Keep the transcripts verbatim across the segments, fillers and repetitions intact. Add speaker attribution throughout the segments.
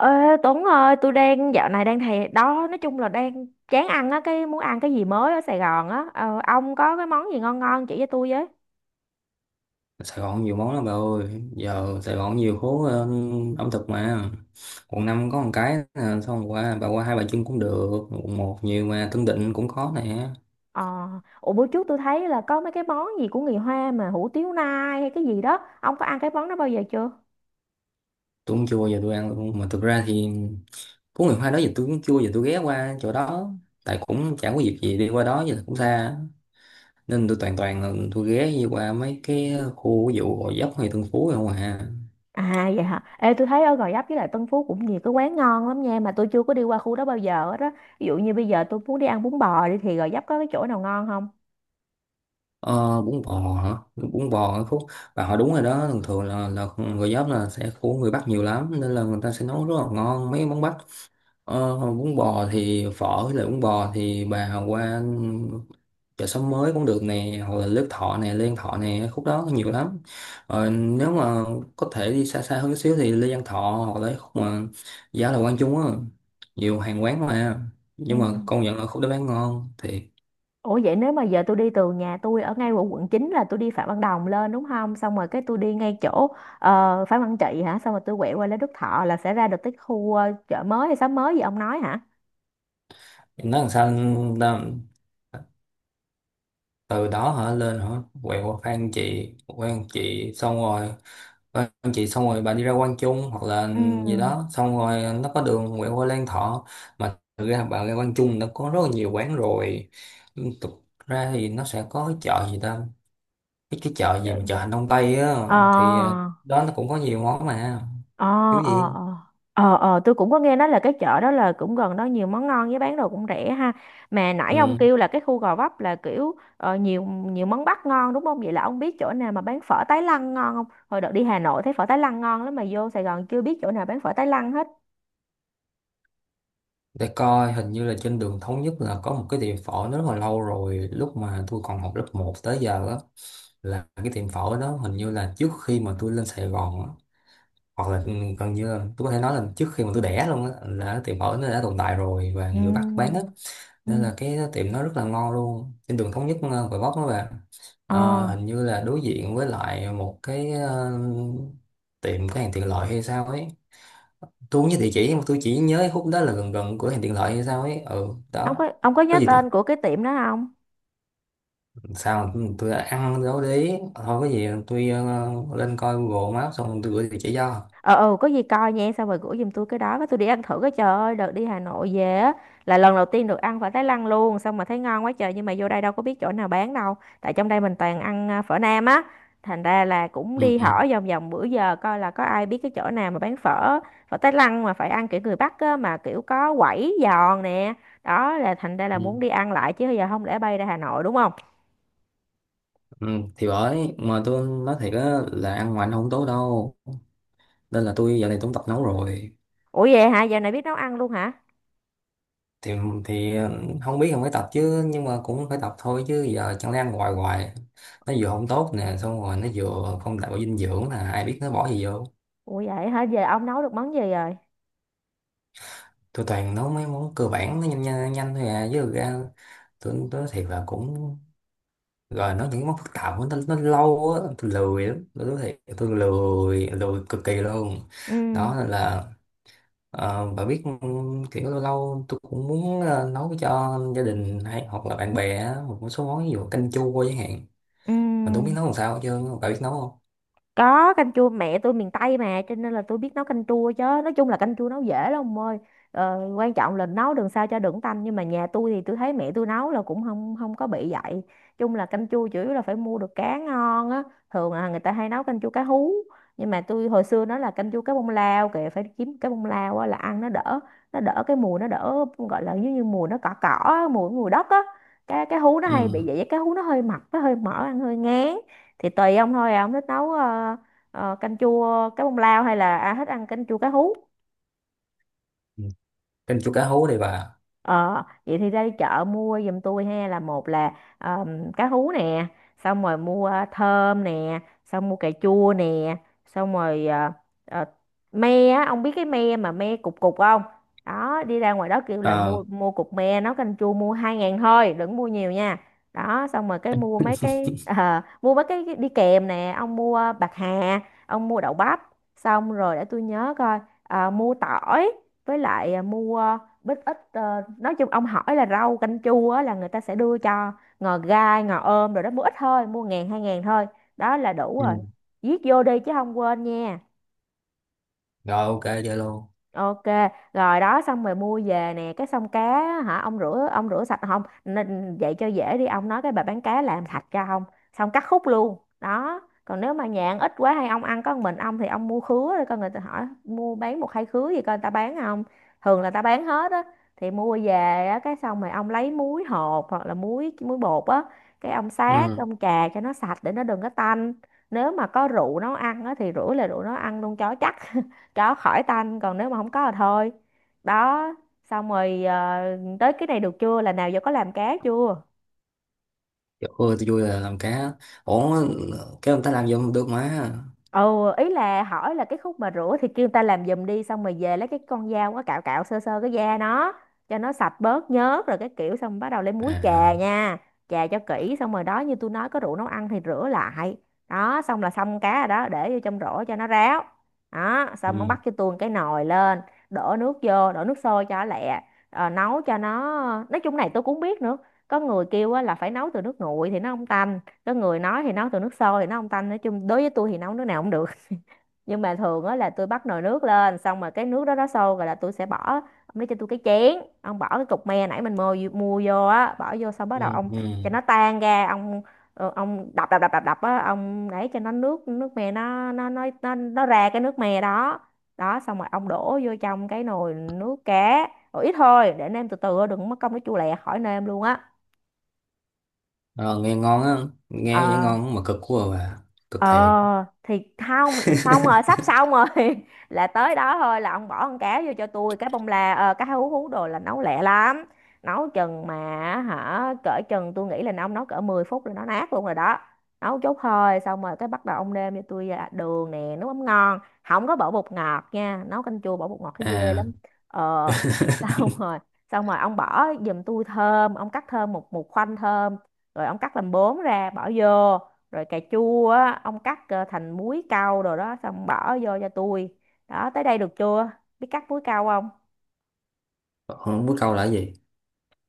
Speaker 1: Ê, Tuấn ơi, tôi đang dạo này đang thèm đó, nói chung là đang chán ăn á, cái muốn ăn cái gì mới ở Sài Gòn á. Ờ, ông có cái món gì ngon ngon chỉ cho tôi với.
Speaker 2: Sài Gòn nhiều món lắm bà ơi, giờ Sài Gòn nhiều phố ờ, ẩm thực mà. Quận năm có một cái nè, xong qua bà qua Hai Bà Trưng cũng được. Quận một nhiều mà Tân Định cũng có nè.
Speaker 1: Ờ, Ủa bữa trước tôi thấy là có mấy cái món gì của người Hoa mà hủ tiếu nai hay cái gì đó. Ông có ăn cái món đó bao giờ chưa?
Speaker 2: Tôi cũng chưa bao giờ tôi ăn luôn mà thực ra thì có ngày hoa đó giờ tôi cũng chưa bao giờ tôi ghé qua chỗ đó, tại cũng chẳng có dịp gì đi qua đó giờ cũng xa, nên tôi toàn toàn là tôi ghé đi qua mấy cái khu ví dụ Gò Vấp hay Tân Phú không à.
Speaker 1: À vậy hả? Ê tôi thấy ở Gò Vấp với lại Tân Phú cũng nhiều cái quán ngon lắm nha, mà tôi chưa có đi qua khu đó bao giờ hết đó. Ví dụ như bây giờ tôi muốn đi ăn bún bò đi thì Gò Vấp có cái chỗ nào ngon không?
Speaker 2: Ờ, Bún bò hả? Bún bò ở khúc bà hỏi đúng rồi đó, thường thường là là người giáp là sẽ của người Bắc nhiều lắm nên là người ta sẽ nấu rất là ngon mấy món Bắc. Ờ, bún bò thì phở với lại bún bò thì bà qua chợ xóm mới cũng được nè, hoặc là Đức Thọ nè, Lê Văn Thọ nè, khúc đó có nhiều lắm. Ờ, nếu mà có thể đi xa xa hơn xíu thì Lê Văn Thọ hoặc là khúc mà giá là Quang Trung á, nhiều hàng quán mà
Speaker 1: Ừ.
Speaker 2: nhưng mà công nhận là khúc đó bán ngon thì
Speaker 1: Ủa vậy nếu mà giờ tôi đi từ nhà tôi ở ngay ở quận chín là tôi đi Phạm Văn Đồng lên đúng không? Xong rồi cái tôi đi ngay chỗ ờ, Phạm Văn Trị hả? Xong rồi tôi quẹo qua Lê Đức Thọ là sẽ ra được cái khu ờ, chợ mới hay xóm mới gì ông nói hả?
Speaker 2: nó làm sao ta, từ đó hả lên hả quẹo qua Phan Chị quan Chị xong rồi Phan Chị xong rồi bà đi ra Quang Trung hoặc là
Speaker 1: Ừ.
Speaker 2: gì đó xong rồi nó có đường quẹo qua Lan Thọ. Mà thực ra bà ra Quang Trung nó có rất là nhiều quán rồi. Thực ra thì nó sẽ có cái chợ gì ta, cái, cái chợ gì
Speaker 1: Trời.
Speaker 2: mà chợ Hành Đông Tây á.
Speaker 1: Ờ
Speaker 2: Thì ờ, đó nó cũng có nhiều món mà,
Speaker 1: ờ
Speaker 2: thiếu
Speaker 1: ờ
Speaker 2: gì.
Speaker 1: ờ ờ ờ tôi cũng có nghe nói là cái chợ đó là cũng gần đó, nhiều món ngon với bán đồ cũng rẻ ha. Mà nãy ông
Speaker 2: Ừ.
Speaker 1: kêu là cái khu Gò Vấp là kiểu ờ, nhiều nhiều món Bắc ngon đúng không? Vậy là ông biết chỗ nào mà bán phở Tái Lăng ngon không? Hồi đợt đi Hà Nội thấy phở Tái Lăng ngon lắm mà vô Sài Gòn chưa biết chỗ nào bán phở Tái Lăng hết.
Speaker 2: Để coi, hình như là trên đường Thống Nhất là có một cái tiệm phở, nó rất là lâu rồi, lúc mà tôi còn học lớp một tới giờ á, là cái tiệm phổi đó hình như là trước khi mà tôi lên Sài Gòn á, hoặc là ừ, gần như là tôi có thể nói là trước khi mà tôi đẻ luôn á là cái tiệm phổi nó đã tồn tại rồi và
Speaker 1: Ừ.
Speaker 2: người Bắc bán á,
Speaker 1: Ừ.
Speaker 2: nên là cái tiệm nó rất là ngon luôn, trên đường Thống Nhất, ờ, Gò Vấp đó bạn.
Speaker 1: ờ
Speaker 2: Ờ, hình như là đối diện với lại một cái ờ, tiệm cái hàng tiện lợi hay sao ấy, tôi không nhớ địa chỉ nhưng mà tôi chỉ nhớ khúc đó là gần gần cửa hàng tiện lợi hay sao ấy, ừ
Speaker 1: ông
Speaker 2: đó.
Speaker 1: có ông có
Speaker 2: Có
Speaker 1: nhớ
Speaker 2: gì
Speaker 1: tên của cái tiệm đó không?
Speaker 2: sao, tôi đã ăn dấu đấy thôi, cái gì tôi ờ, lên coi Google Maps xong tôi gửi địa chỉ cho.
Speaker 1: ờ ừ, có gì coi nha, xong rồi gửi giùm tôi cái đó, cái tôi đi ăn thử. Cái trời ơi, đợt đi Hà Nội về á là lần đầu tiên được ăn phở Thái Lan luôn, xong mà thấy ngon quá trời, nhưng mà vô đây đâu có biết chỗ nào bán đâu. Tại trong đây mình toàn ăn à, phở Nam á, thành ra là cũng
Speaker 2: Ừ,
Speaker 1: đi
Speaker 2: ừ,
Speaker 1: hỏi vòng vòng bữa giờ coi là có ai biết cái chỗ nào mà bán phở, phở Thái Lan mà phải ăn kiểu người Bắc á, mà kiểu có quẩy giòn nè. Đó là thành ra là
Speaker 2: ừ.
Speaker 1: muốn đi ăn lại chứ giờ không lẽ bay ra Hà Nội đúng không?
Speaker 2: Ừ, thì bởi mà tôi nói thiệt á là ăn ngoài nó không tốt đâu, nên là tôi giờ này cũng tập nấu rồi.
Speaker 1: Ủa vậy hả, giờ này biết nấu ăn luôn hả?
Speaker 2: Thì thì ờ, không biết không phải tập chứ nhưng mà cũng phải tập thôi chứ giờ chẳng lẽ ăn hoài hoài, nó vừa không tốt nè xong rồi nó vừa không đảm bảo dinh dưỡng, là ai biết nó bỏ gì vô.
Speaker 1: Ủa vậy hả, giờ ông nấu được món gì rồi?
Speaker 2: Tôi toàn nấu mấy món cơ bản nó nhanh nhanh, nhanh thôi à, chứ thực ra tôi tôi nói thiệt là cũng rồi nó những món phức tạp quá, nó, nó lâu á, tôi lười lắm, tôi nói thiệt, tôi lười lười cực kỳ luôn.
Speaker 1: Ừ.
Speaker 2: Đó nên là ờ, bà biết, kiểu lâu lâu tôi cũng muốn ờ, nấu cho gia đình hay hoặc là bạn bè á, một số món ví dụ canh chua chẳng hạn.
Speaker 1: Ừ.
Speaker 2: Mà tôi không biết nấu làm sao hết trơn á. Bà biết nấu không?
Speaker 1: Có, canh chua mẹ tôi miền Tây mà, cho nên là tôi biết nấu canh chua chứ. Nói chung là canh chua nấu dễ lắm ông ơi. Ờ, quan trọng là nấu đừng sao cho đừng tanh, nhưng mà nhà tôi thì tôi thấy mẹ tôi nấu là cũng không không có bị vậy. Chung là canh chua chủ yếu là phải mua được cá ngon á. Thường là người ta hay nấu canh chua cá hú. Nhưng mà tôi hồi xưa nó là canh chua cá bông lao kìa, phải kiếm cá bông lao á, là ăn nó đỡ, nó đỡ cái mùi, nó đỡ gọi là giống như mùi nó cỏ cỏ á, mùi mùi đất á. Cái cái hú nó hay
Speaker 2: Ừ.
Speaker 1: bị vậy, cái hú nó hơi mập, nó hơi mỡ ăn hơi ngán. Thì tùy ông thôi à, ông thích nấu ờ, ờ, canh chua cá bông lao hay là à, thích ăn canh chua cá hú?
Speaker 2: Ừ. Canh chua cá hú đi bà.
Speaker 1: Ờ, vậy thì ra đi chợ mua giùm tôi ha, là một là ờm, cá hú nè, xong rồi mua thơm nè, xong mua cà chua nè, xong rồi ờ, ờ, me á, ông biết cái me mà me cục cục không? Đó, đi ra ngoài đó kêu là
Speaker 2: Ờ.
Speaker 1: mua, mua cục me nấu canh chua mua hai ngàn thôi, đừng mua nhiều nha. Đó, xong rồi cái mua mấy cái ờ, mua mấy cái đi kèm nè, ông mua bạc hà, ông mua đậu bắp, xong rồi để tôi nhớ coi, ờ, mua tỏi với lại à, mua bít ít. ờ, nói chung ông hỏi là rau canh chua á, là người ta sẽ đưa cho ngò gai ngò ôm rồi đó, mua ít thôi, mua ngàn hai ngàn thôi, đó là đủ
Speaker 2: Ừ.
Speaker 1: rồi. Viết vô đi chứ không quên nha.
Speaker 2: Rồi, ok, chơi luôn.
Speaker 1: Ok, rồi đó, xong rồi mua về nè, cái xong cá á, hả ông rửa, ông rửa sạch không? Nên vậy cho dễ đi, ông nói cái bà bán cá làm sạch cho ông, xong cắt khúc luôn. Đó. Còn nếu mà nhạn ít quá hay ông ăn có một mình ông thì ông mua khứa, rồi coi người ta hỏi mua bán một hai khứa gì coi người ta bán không. Thường là ta bán hết á, thì mua về á, cái xong rồi ông lấy muối hột hoặc là muối muối bột á, cái ông sát,
Speaker 2: Ừ.
Speaker 1: ông chà cho nó sạch để nó đừng có tanh. Nếu mà có rượu nấu ăn á thì rửa là rượu nấu ăn luôn cho chắc, đó, khỏi tanh, còn nếu mà không có thì thôi. Đó, xong rồi ờ, tới cái này được chưa, là nào giờ có làm cá chưa?
Speaker 2: Trời ơi, tôi vui là làm cá. Ủa cái người ta làm vô không được mà.
Speaker 1: Ừ, ý là hỏi là cái khúc mà rửa thì kêu người ta làm giùm đi, xong rồi về lấy cái con dao á cạo cạo sơ sơ cái da nó cho nó sạch bớt nhớt, rồi cái kiểu xong bắt đầu lấy muối chà
Speaker 2: À.
Speaker 1: nha. Chà cho kỹ xong rồi đó, như tôi nói có rượu nấu ăn thì rửa lại. Đó, xong là xong cá rồi đó, để vô trong rổ cho nó ráo. Đó, xong ông
Speaker 2: Ừ.
Speaker 1: bắt cho tôi cái nồi lên, đổ nước vô, đổ nước sôi cho lẹ. Ờ, nấu cho nó Nói chung này tôi cũng không biết nữa, có người kêu á là phải nấu từ nước nguội thì nó không tanh, có người nói thì nấu từ nước sôi thì nấu không tanh. Nói chung đối với tôi thì nấu nước nào cũng được. Nhưng mà thường á là tôi bắt nồi nước lên, xong rồi cái nước đó nó sôi rồi là tôi sẽ bỏ. Ông lấy cho tôi cái chén, ông bỏ cái cục me nãy mình mua, mua vô á, bỏ vô, xong bắt đầu
Speaker 2: Ừ.
Speaker 1: ông
Speaker 2: Ừ.
Speaker 1: cho nó tan ra ông. Ờ, ông đập đập đập đập đập á, ông để cho nó nước, nước me nó nó nó nó nó ra cái nước me đó. Đó, xong rồi ông đổ vô trong cái nồi nước cá, rồi ít thôi để nêm từ từ, đừng mất công nó chua lẹ khỏi nêm luôn á.
Speaker 2: Ờ, nghe ngon á, nghe vậy
Speaker 1: Ờ
Speaker 2: ngon mà cực quá à bà, cực
Speaker 1: ờ
Speaker 2: thiệt.
Speaker 1: thì không, xong rồi sắp xong rồi là tới đó thôi, là ông bỏ con cá vô cho tôi, cái bông la, ờ, cá hú hú đồ là nấu lẹ lắm. Nấu chừng mà hả, cỡ chừng tôi nghĩ là ông nấu cỡ mười phút là nó nát luôn rồi đó. Nấu chút thôi, xong rồi cái bắt đầu ông nêm cho tôi à, đường nè, nước mắm ngon, không có bỏ bột ngọt nha, nấu canh chua bỏ bột ngọt thấy ghê
Speaker 2: À,
Speaker 1: lắm. Ờ xong rồi, xong rồi ông bỏ giùm tôi thơm, ông cắt thơm một một khoanh thơm rồi ông cắt làm bốn ra bỏ vô, rồi cà chua á ông cắt ờ, thành múi cau, rồi đó xong bỏ vô cho tôi. Đó tới đây được chưa? Biết cắt múi cau không?
Speaker 2: không biết câu là cái gì?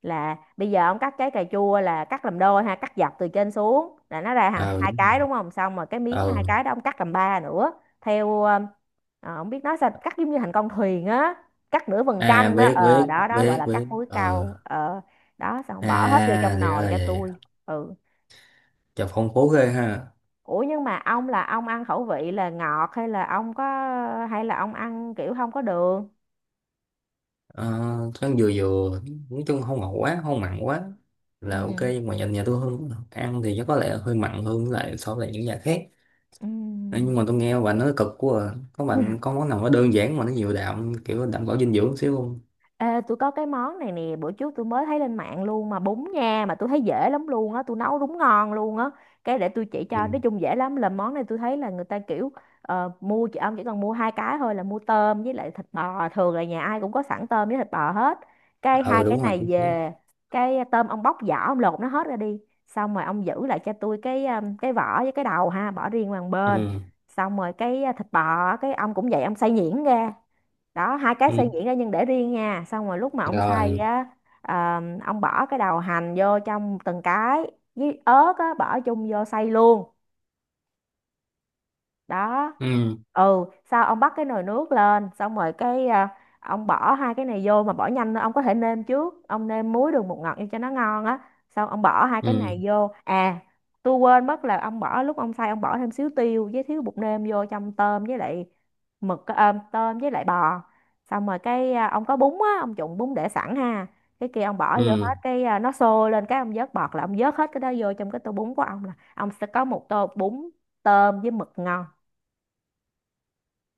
Speaker 1: Là bây giờ ông cắt trái cà chua là cắt làm đôi ha, cắt dọc từ trên xuống là nó ra hàng
Speaker 2: Ờ,
Speaker 1: hai cái
Speaker 2: đúng.
Speaker 1: đúng không, xong rồi cái miếng
Speaker 2: Ờ.
Speaker 1: hai cái đó ông cắt làm ba nữa, theo ờ, ờ, không biết nói sao, cắt giống như thành con thuyền á, cắt nửa vầng
Speaker 2: À,
Speaker 1: trăng đó,
Speaker 2: biết
Speaker 1: ờ
Speaker 2: biết
Speaker 1: đó đó gọi
Speaker 2: biết
Speaker 1: là
Speaker 2: biết.
Speaker 1: cắt múi
Speaker 2: Ờ.
Speaker 1: cau ờ Đó xong bỏ hết vô
Speaker 2: À,
Speaker 1: trong
Speaker 2: thì ra
Speaker 1: nồi
Speaker 2: là
Speaker 1: cho
Speaker 2: vậy.
Speaker 1: tôi. Ừ.
Speaker 2: Chà, phong phú ghê ha.
Speaker 1: Ủa nhưng mà ông là ông ăn khẩu vị là ngọt, hay là ông có, hay là ông ăn kiểu không có đường?
Speaker 2: Ờ, ăn vừa vừa, nói chung không ngọt quá, không mặn quá là ok,
Speaker 1: Ừ.
Speaker 2: nhưng mà nhà, nhà tôi hơn ăn thì chắc có lẽ hơi mặn hơn với lại so với lại những nhà khác.
Speaker 1: Ừ.
Speaker 2: Ờ. Nhưng mà tôi nghe bà nói cực quá à. Có bạn có món nào nó đơn giản mà nó nhiều đạm kiểu đảm bảo dinh dưỡng xíu không?
Speaker 1: Ê, tôi có cái món này nè, bữa trước tôi mới thấy lên mạng luôn mà bún nha, mà tôi thấy dễ lắm luôn á, tôi nấu đúng ngon luôn á, cái để tôi chỉ cho,
Speaker 2: Ừ,
Speaker 1: nói chung dễ lắm. Là món này tôi thấy là người ta kiểu ờ, mua chị, ông chỉ cần mua hai cái thôi, là mua tôm với lại thịt bò, thường là nhà ai cũng có sẵn tôm với thịt bò hết, cái
Speaker 2: ừ,
Speaker 1: hai cái
Speaker 2: đúng rồi,
Speaker 1: này
Speaker 2: chính xác.
Speaker 1: về, cái tôm ông bóc vỏ, ông lột nó hết ra đi, xong rồi ông giữ lại cho tôi cái um, cái vỏ với cái đầu ha, bỏ riêng qua một bên,
Speaker 2: Ừ.
Speaker 1: xong rồi cái uh, thịt bò á, cái ông cũng vậy, ông xay nhuyễn ra. Đó, hai cái
Speaker 2: Ừ.
Speaker 1: xay nhuyễn ra nhưng để riêng nha, xong rồi lúc mà ông xay
Speaker 2: Rồi.
Speaker 1: á, ờ, ông bỏ cái đầu hành vô trong từng cái với ớt á, bỏ chung vô xay luôn. Đó.
Speaker 2: Ừ.
Speaker 1: Ừ, sau ông bắt cái nồi nước lên, xong rồi cái à, ông bỏ hai cái này vô, mà bỏ nhanh nữa, ông có thể nêm trước, ông nêm muối đường bột ngọt vô cho nó ngon á, xong ông bỏ hai cái
Speaker 2: Ừ.
Speaker 1: này vô. À tôi quên mất là ông bỏ lúc ông xay, ông bỏ thêm xíu tiêu với xíu bột nêm vô trong tôm với lại mực, à, tôm với lại bò, xong rồi cái à, ông có bún á, ông trụng bún để sẵn ha, cái kia ông bỏ vô
Speaker 2: Ừ.
Speaker 1: hết, cái à, nó sôi lên cái ông vớt bọt, là ông vớt hết cái đó vô trong cái tô bún của ông, là ông sẽ có một tô bún tôm với mực ngon.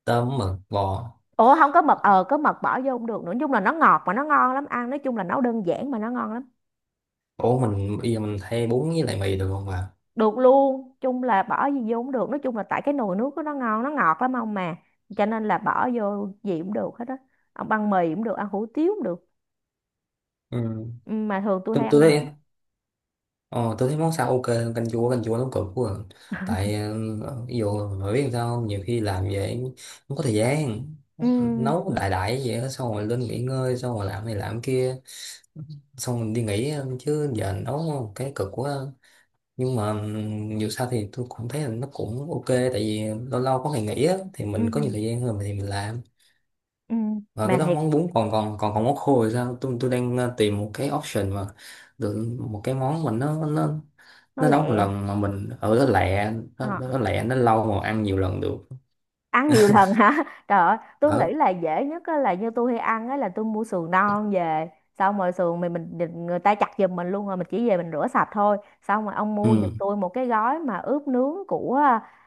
Speaker 2: Tôm mực bò.
Speaker 1: Ủa không có mật, ờ có mật bỏ vô không được nữa, nói chung là nó ngọt mà nó ngon lắm ăn, nói chung là nấu đơn giản mà nó ngon lắm.
Speaker 2: Ủa mình bây giờ mình thay bún với lại mì được không à?
Speaker 1: Được luôn, chung là bỏ gì vô cũng được, nói chung là tại cái nồi nước của nó ngon nó ngọt lắm ông, mà cho nên là bỏ vô gì cũng được hết á, ông ăn mì cũng được, ăn hủ tiếu cũng được.
Speaker 2: Ừ.
Speaker 1: Ừ, mà thường tôi
Speaker 2: tôi
Speaker 1: hay
Speaker 2: tôi
Speaker 1: ăn
Speaker 2: thấy
Speaker 1: bánh.
Speaker 2: ờ, tôi thấy món sao ok hơn canh chua. Canh chua nó cực quá à. Tại ờ, ví dụ mà biết sao không? Nhiều khi làm vậy không có thời gian,
Speaker 1: Ừ,
Speaker 2: nấu đại đại vậy đó, xong rồi lên nghỉ ngơi xong rồi làm này làm kia, xong rồi đi nghỉ, ờ, chứ giờ nấu cái cực quá à. Nhưng mà ừm, dù sao thì tôi cũng thấy là nó cũng ok, tại vì lâu lâu có ngày nghỉ á thì
Speaker 1: ừ,
Speaker 2: mình có nhiều thời gian hơn thì mình làm.
Speaker 1: ừ,
Speaker 2: Và
Speaker 1: mà
Speaker 2: cái đó
Speaker 1: thiệt
Speaker 2: món bún, còn còn còn còn món khô thì sao? Tôi tôi đang ờ, tìm một cái option mà được một cái món mình nó nó
Speaker 1: nó
Speaker 2: nó nấu một
Speaker 1: lẹ.
Speaker 2: lần mà mình ở đó lẹ, nó,
Speaker 1: Ờ.
Speaker 2: nó nó lẹ nó lâu mà ăn nhiều lần được.
Speaker 1: Ăn nhiều lần hả? Trời ơi tôi nghĩ
Speaker 2: Ở.
Speaker 1: là dễ nhất á, là như tôi hay ăn á là tôi mua sườn non về, xong rồi sườn mình mình định- người ta chặt giùm mình luôn, rồi mình chỉ về mình rửa sạch thôi, xong rồi ông
Speaker 2: Ừ.
Speaker 1: mua giùm tôi một cái gói mà ướp nướng của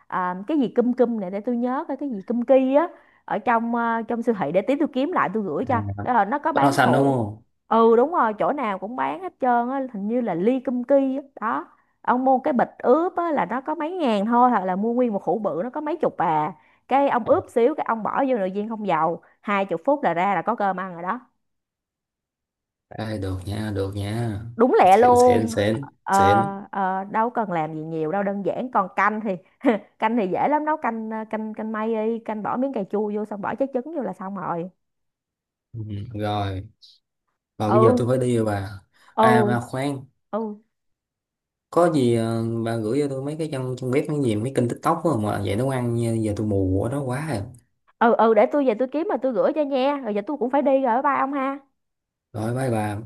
Speaker 1: à, cái gì cum cum này, để tôi nhớ coi, cái gì cum ki á, ở trong à, trong siêu thị, để tí tôi kiếm lại tôi gửi
Speaker 2: À,
Speaker 1: cho. Đó là nó có
Speaker 2: bánh hoa
Speaker 1: bán
Speaker 2: xanh đúng
Speaker 1: hũ.
Speaker 2: không?
Speaker 1: Ừ đúng rồi, chỗ nào cũng bán hết trơn á, hình như là ly cum ki á đó, ông mua cái bịch ướp á là nó có mấy ngàn thôi, hoặc là mua nguyên một hũ bự nó có mấy chục à. Cái ông ướp xíu, cái ông bỏ vô nồi chiên không dầu hai chục phút là ra là có cơm ăn rồi đó.
Speaker 2: Ê, được nha, được nha.
Speaker 1: Đúng lẹ
Speaker 2: Xịn xịn
Speaker 1: luôn.
Speaker 2: xịn
Speaker 1: ờ,
Speaker 2: xịn.
Speaker 1: ờ, Đâu cần làm gì nhiều đâu, đơn giản. Còn canh thì canh thì dễ lắm, nấu canh ờ, canh canh mây đi, canh bỏ miếng cà chua vô, xong bỏ trái trứng vô là xong rồi.
Speaker 2: Ừ. Rồi và bây giờ
Speaker 1: Ừ,
Speaker 2: tôi phải đi rồi bà. À mà
Speaker 1: ừ,
Speaker 2: khoan,
Speaker 1: ừ,
Speaker 2: có gì ờ, bà gửi cho tôi mấy cái trong trong bếp mấy gì mấy kênh TikTok á mà vậy nấu ăn, giờ tôi mù ở đó quá rồi.
Speaker 1: ừ, ừ, để tôi về tôi kiếm mà tôi gửi cho nha, rồi giờ tôi cũng phải đi rồi, bye bye ông ha.
Speaker 2: Rồi, bye bà.